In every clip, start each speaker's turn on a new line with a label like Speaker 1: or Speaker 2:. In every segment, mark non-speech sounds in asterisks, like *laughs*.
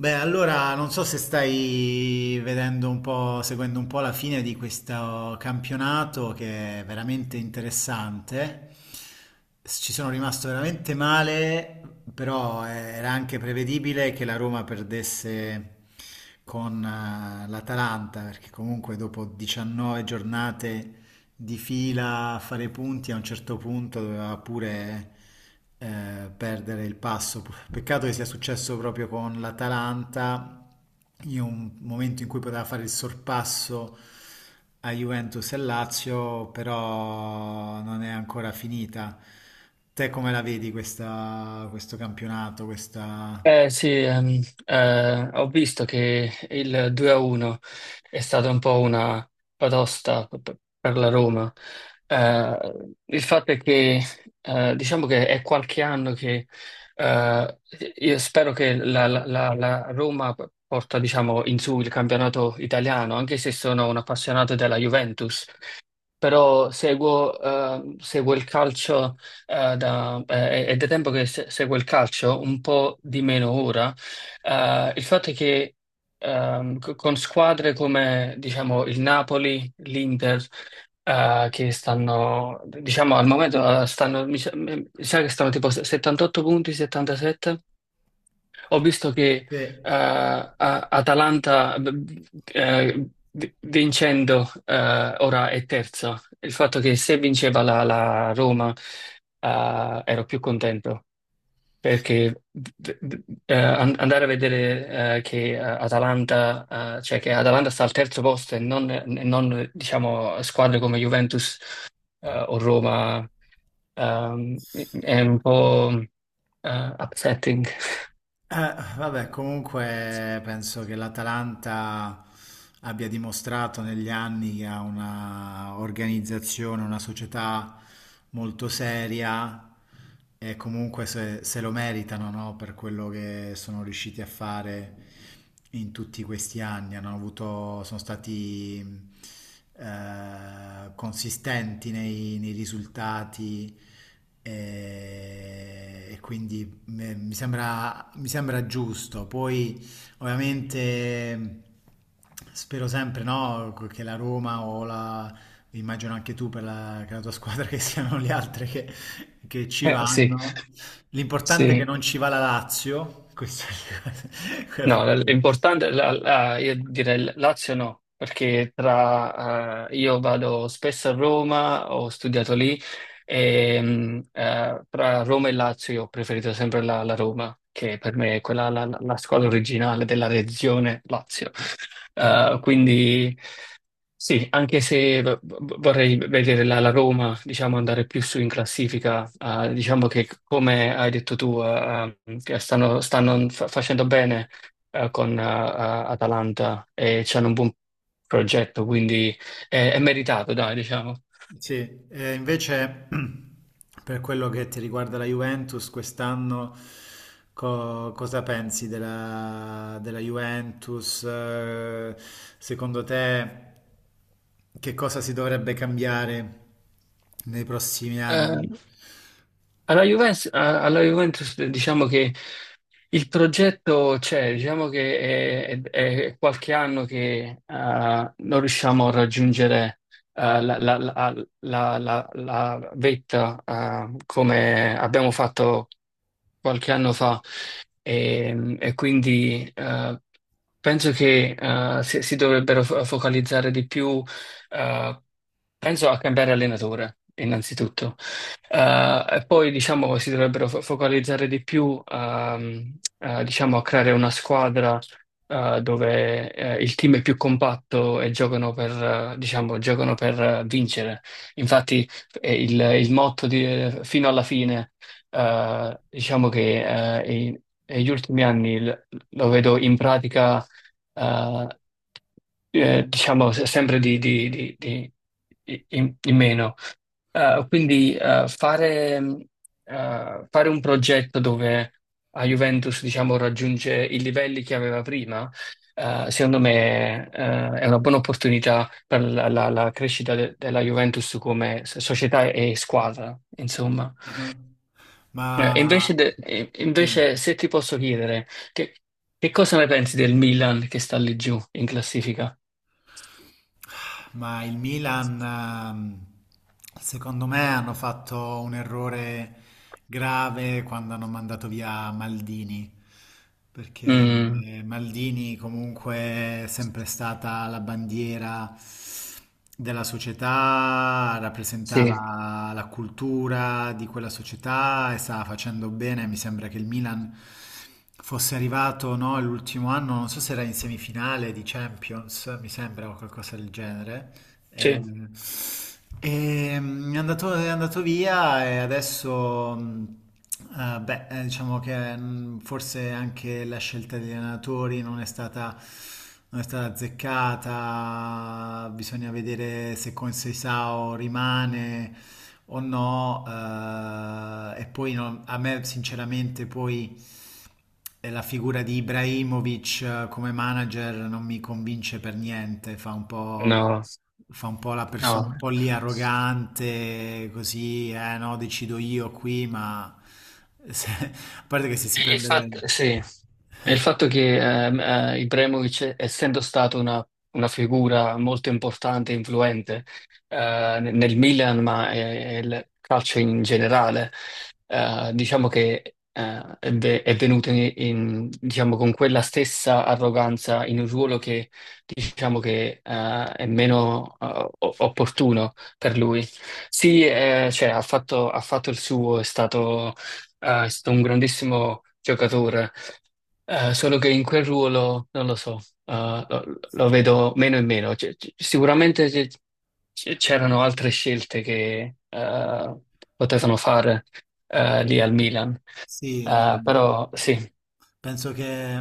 Speaker 1: Beh, allora non so se stai vedendo un po', seguendo un po' la fine di questo campionato che è veramente interessante. Ci sono rimasto veramente male, però era anche prevedibile che la Roma perdesse con l'Atalanta, perché comunque dopo 19 giornate di fila a fare i punti, a un certo punto doveva pure perdere il passo. Peccato che sia successo proprio con l'Atalanta, in un momento in cui poteva fare il sorpasso a Juventus e Lazio, però non è ancora finita. Te come la vedi questo campionato, questa...
Speaker 2: Eh sì, ehm, ho visto che il 2-1 è stata un po' una batosta per la Roma. Eh, il fatto è che diciamo che è qualche anno che eh, io spero che la Roma porta, diciamo, in su il campionato italiano, anche se sono un appassionato della Juventus, però seguo, seguo il calcio è da tempo che seguo il calcio, un po' di meno ora. Il fatto è che con squadre come, diciamo, il Napoli, l'Inter, che stanno, diciamo, al momento stanno, mi sa che stanno tipo 78 punti, 77. Ho visto che
Speaker 1: Sì.
Speaker 2: eh, a- Atalanta, vincendo, ora è terza. Il fatto che se vinceva la Roma, ero più contento perché andare a vedere che Atalanta, cioè che Atalanta sta al terzo posto e non, diciamo, squadre come Juventus o Roma ehm, è un po' upsetting. *laughs*
Speaker 1: Vabbè, comunque penso che l'Atalanta abbia dimostrato negli anni che ha una organizzazione, una società molto seria e comunque se lo meritano, no? Per quello che sono riusciti a fare in tutti questi anni. Hanno avuto, sono stati consistenti nei risultati e quindi mi sembra giusto, poi ovviamente spero sempre no, che la Roma o la, immagino anche tu per la, che la tua squadra che siano le altre che ci
Speaker 2: Sì,
Speaker 1: vanno. L'importante è che
Speaker 2: sì.
Speaker 1: non ci va la Lazio, questo è *laughs*
Speaker 2: No,
Speaker 1: quello che...
Speaker 2: io direi Lazio no, perché tra, io vado spesso a Roma, ho studiato lì, e, tra Roma e Lazio io ho preferito sempre la Roma, che per me è quella, la squadra originale della regione Lazio.
Speaker 1: Ah.
Speaker 2: Quindi sì, anche se vorrei vedere la Roma, diciamo, andare più su in classifica, diciamo che come hai detto tu, che stanno, facendo bene con Atalanta e c'hanno un buon progetto, quindi è meritato, dai, diciamo.
Speaker 1: Sì, e invece *clears throat* per quello che ti riguarda la Juventus, quest'anno cosa pensi della, della Juventus? Secondo te che cosa si dovrebbe cambiare nei prossimi
Speaker 2: Eh,
Speaker 1: anni?
Speaker 2: Alla Juventus, alla Juventus, diciamo che il progetto c'è, diciamo che è qualche anno che non riusciamo a raggiungere, eh, la, la- la- la vetta, come abbiamo fatto qualche anno fa, e quindi penso che si dovrebbero focalizzare di più, eh, penso a cambiare allenatore innanzitutto. E poi, diciamo, si dovrebbero focalizzare di più, diciamo, a creare una squadra dove il team è più compatto e giocano per, diciamo, giocano per vincere. Infatti il motto di, fino alla fine, diciamo che negli ultimi anni lo vedo in pratica, eh, diciamo, sempre in, in meno. Quindi fare, fare un progetto dove la Juventus, diciamo, raggiunge i livelli che aveva prima, secondo me è una buona opportunità per la crescita della Juventus come società e squadra, insomma.
Speaker 1: Ah,
Speaker 2: E invece,
Speaker 1: ma...
Speaker 2: e invece se ti posso chiedere, che, che cosa ne pensi del Milan che sta lì giù in classifica?
Speaker 1: Ma il Milan, secondo me, hanno fatto un errore grave quando hanno mandato via Maldini, perché
Speaker 2: Mm,
Speaker 1: Maldini comunque è sempre stata la bandiera della società,
Speaker 2: sì,
Speaker 1: rappresentava la cultura di quella società e stava facendo bene. Mi sembra che il Milan fosse arrivato, no, l'ultimo anno, non so se era in semifinale di Champions, mi sembra o qualcosa del genere.
Speaker 2: sì,
Speaker 1: Ehm, è andato via e adesso, beh, diciamo che forse anche la scelta degli allenatori non è stata, non è stata azzeccata, bisogna vedere se con Seisao rimane o no, e poi a me sinceramente poi... E la figura di Ibrahimovic come manager non mi convince per niente,
Speaker 2: no,
Speaker 1: fa un po' la persona
Speaker 2: no.
Speaker 1: un po' lì arrogante, così, eh no, decido io qui, ma se- *laughs* a parte che se si prende... le-
Speaker 2: Infatti, sì. E il fatto che Ibrahimovic, essendo stato una figura molto importante e influente nel nel Milan, ma il calcio in generale, diciamo che è venuto diciamo, con quella stessa arroganza in un ruolo che, diciamo che è meno opportuno per lui. Sì, cioè, ha fatto il suo, è stato un grandissimo giocatore, solo che in quel ruolo, non lo so, lo, lo vedo meno e meno. Sicuramente c'erano altre scelte che potevano fare lì al Milan.
Speaker 1: Sì, no. No.
Speaker 2: Però sì,
Speaker 1: Penso che,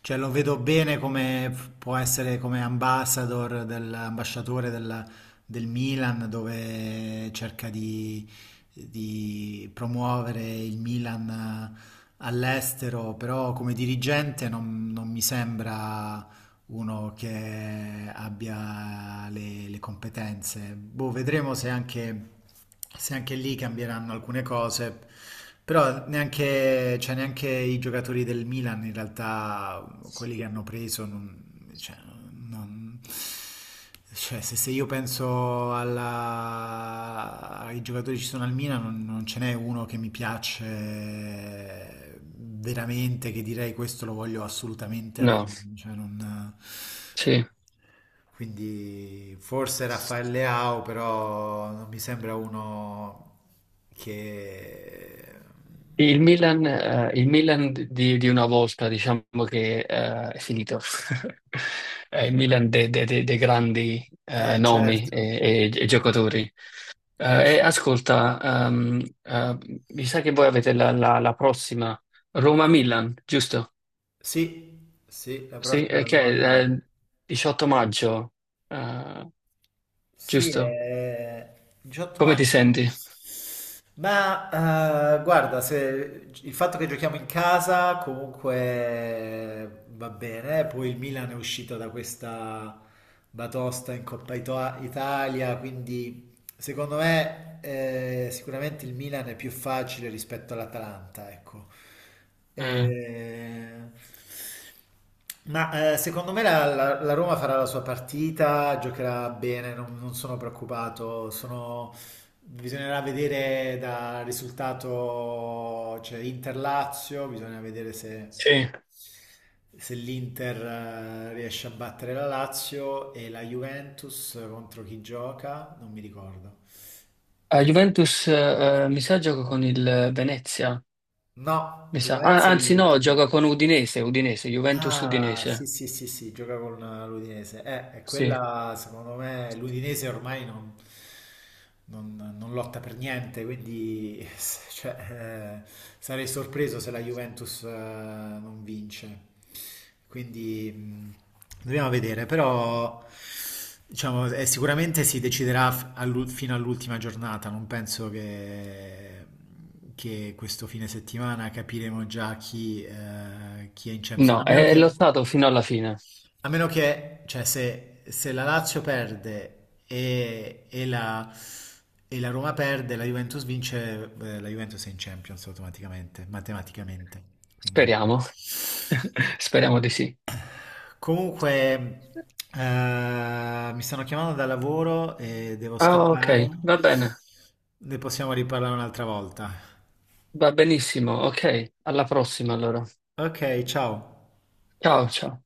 Speaker 1: cioè, lo vedo bene come può essere come ambassador ambasciatore del, del Milan, dove cerca di promuovere il Milan all'estero, però come dirigente non, non mi sembra uno che abbia le competenze. Boh, vedremo se anche, se anche lì cambieranno alcune cose. Però neanche, cioè, neanche i giocatori del Milan, in realtà, quelli che hanno preso, non, cioè, non- cioè, se io penso ai giocatori che ci sono al Milan, non, non ce n'è uno che mi piace veramente, che direi questo lo voglio assolutamente alla
Speaker 2: no,
Speaker 1: Roma. Cioè, non-
Speaker 2: sì.
Speaker 1: Quindi forse Raffaele Leao, però non mi sembra uno che...
Speaker 2: Il Milan di una volta, diciamo che è finito. *laughs* Il Milan dei grandi nomi
Speaker 1: Certo.
Speaker 2: e e giocatori.
Speaker 1: C-
Speaker 2: E ascolta, ehm, eh, mi sa che voi avete la prossima Roma-Milan, giusto?
Speaker 1: Sì, sì, la
Speaker 2: Sì,
Speaker 1: prossima è la
Speaker 2: che
Speaker 1: nuova
Speaker 2: è
Speaker 1: Milan.
Speaker 2: 18 maggio, eh,
Speaker 1: Sì,
Speaker 2: giusto?
Speaker 1: è 18
Speaker 2: Come ti
Speaker 1: maggio?
Speaker 2: senti?
Speaker 1: Ma guarda, il fatto che giochiamo in casa comunque va bene, eh. Poi il Milan è uscito da questa batosta in Coppa Italia, quindi secondo me, sicuramente il Milan è più facile rispetto all'Atalanta, ecco.
Speaker 2: Mm,
Speaker 1: Eh, ma secondo me la Roma farà la sua partita, giocherà bene, non, non sono preoccupato. Sono, bisognerà vedere dal risultato, cioè Inter-Lazio, bisogna vedere se,
Speaker 2: sì.
Speaker 1: se l'Inter riesce a battere la Lazio e la Juventus contro chi gioca, non mi ricordo.
Speaker 2: A
Speaker 1: Il-
Speaker 2: Juventus, mi sa, gioca con il Venezia,
Speaker 1: No,
Speaker 2: mi
Speaker 1: il
Speaker 2: sa. Ah,
Speaker 1: Venezia è
Speaker 2: anzi, no,
Speaker 1: l'ultimo.
Speaker 2: gioca con Udinese, Udinese,
Speaker 1: Ah, sì,
Speaker 2: Juventus-Udinese.
Speaker 1: sì, sì, sì, gioca con l'Udinese. E
Speaker 2: Sì,
Speaker 1: quella, secondo me, l'Udinese ormai non, non lotta per niente, quindi *laughs* s- cioè, sarei sorpreso se la Juventus, non vince. Quindi, dobbiamo vedere, però, diciamo, sicuramente si deciderà fino all'ultima giornata, non penso che questo fine settimana capiremo già chi, chi è in Champions.
Speaker 2: no, è lottato fino alla fine.
Speaker 1: A meno che, cioè, se la Lazio perde e la Roma perde, la Juventus vince, la Juventus è in Champions automaticamente, matematicamente. Quindi...
Speaker 2: Speriamo, *laughs* speriamo di sì.
Speaker 1: Comunque, mi stanno chiamando da lavoro e devo
Speaker 2: Ah, ok,
Speaker 1: scappare.
Speaker 2: va bene.
Speaker 1: Ne possiamo riparlare un'altra volta.
Speaker 2: Va benissimo, ok. Alla prossima allora.
Speaker 1: Ok, ciao.
Speaker 2: Ciao, ciao.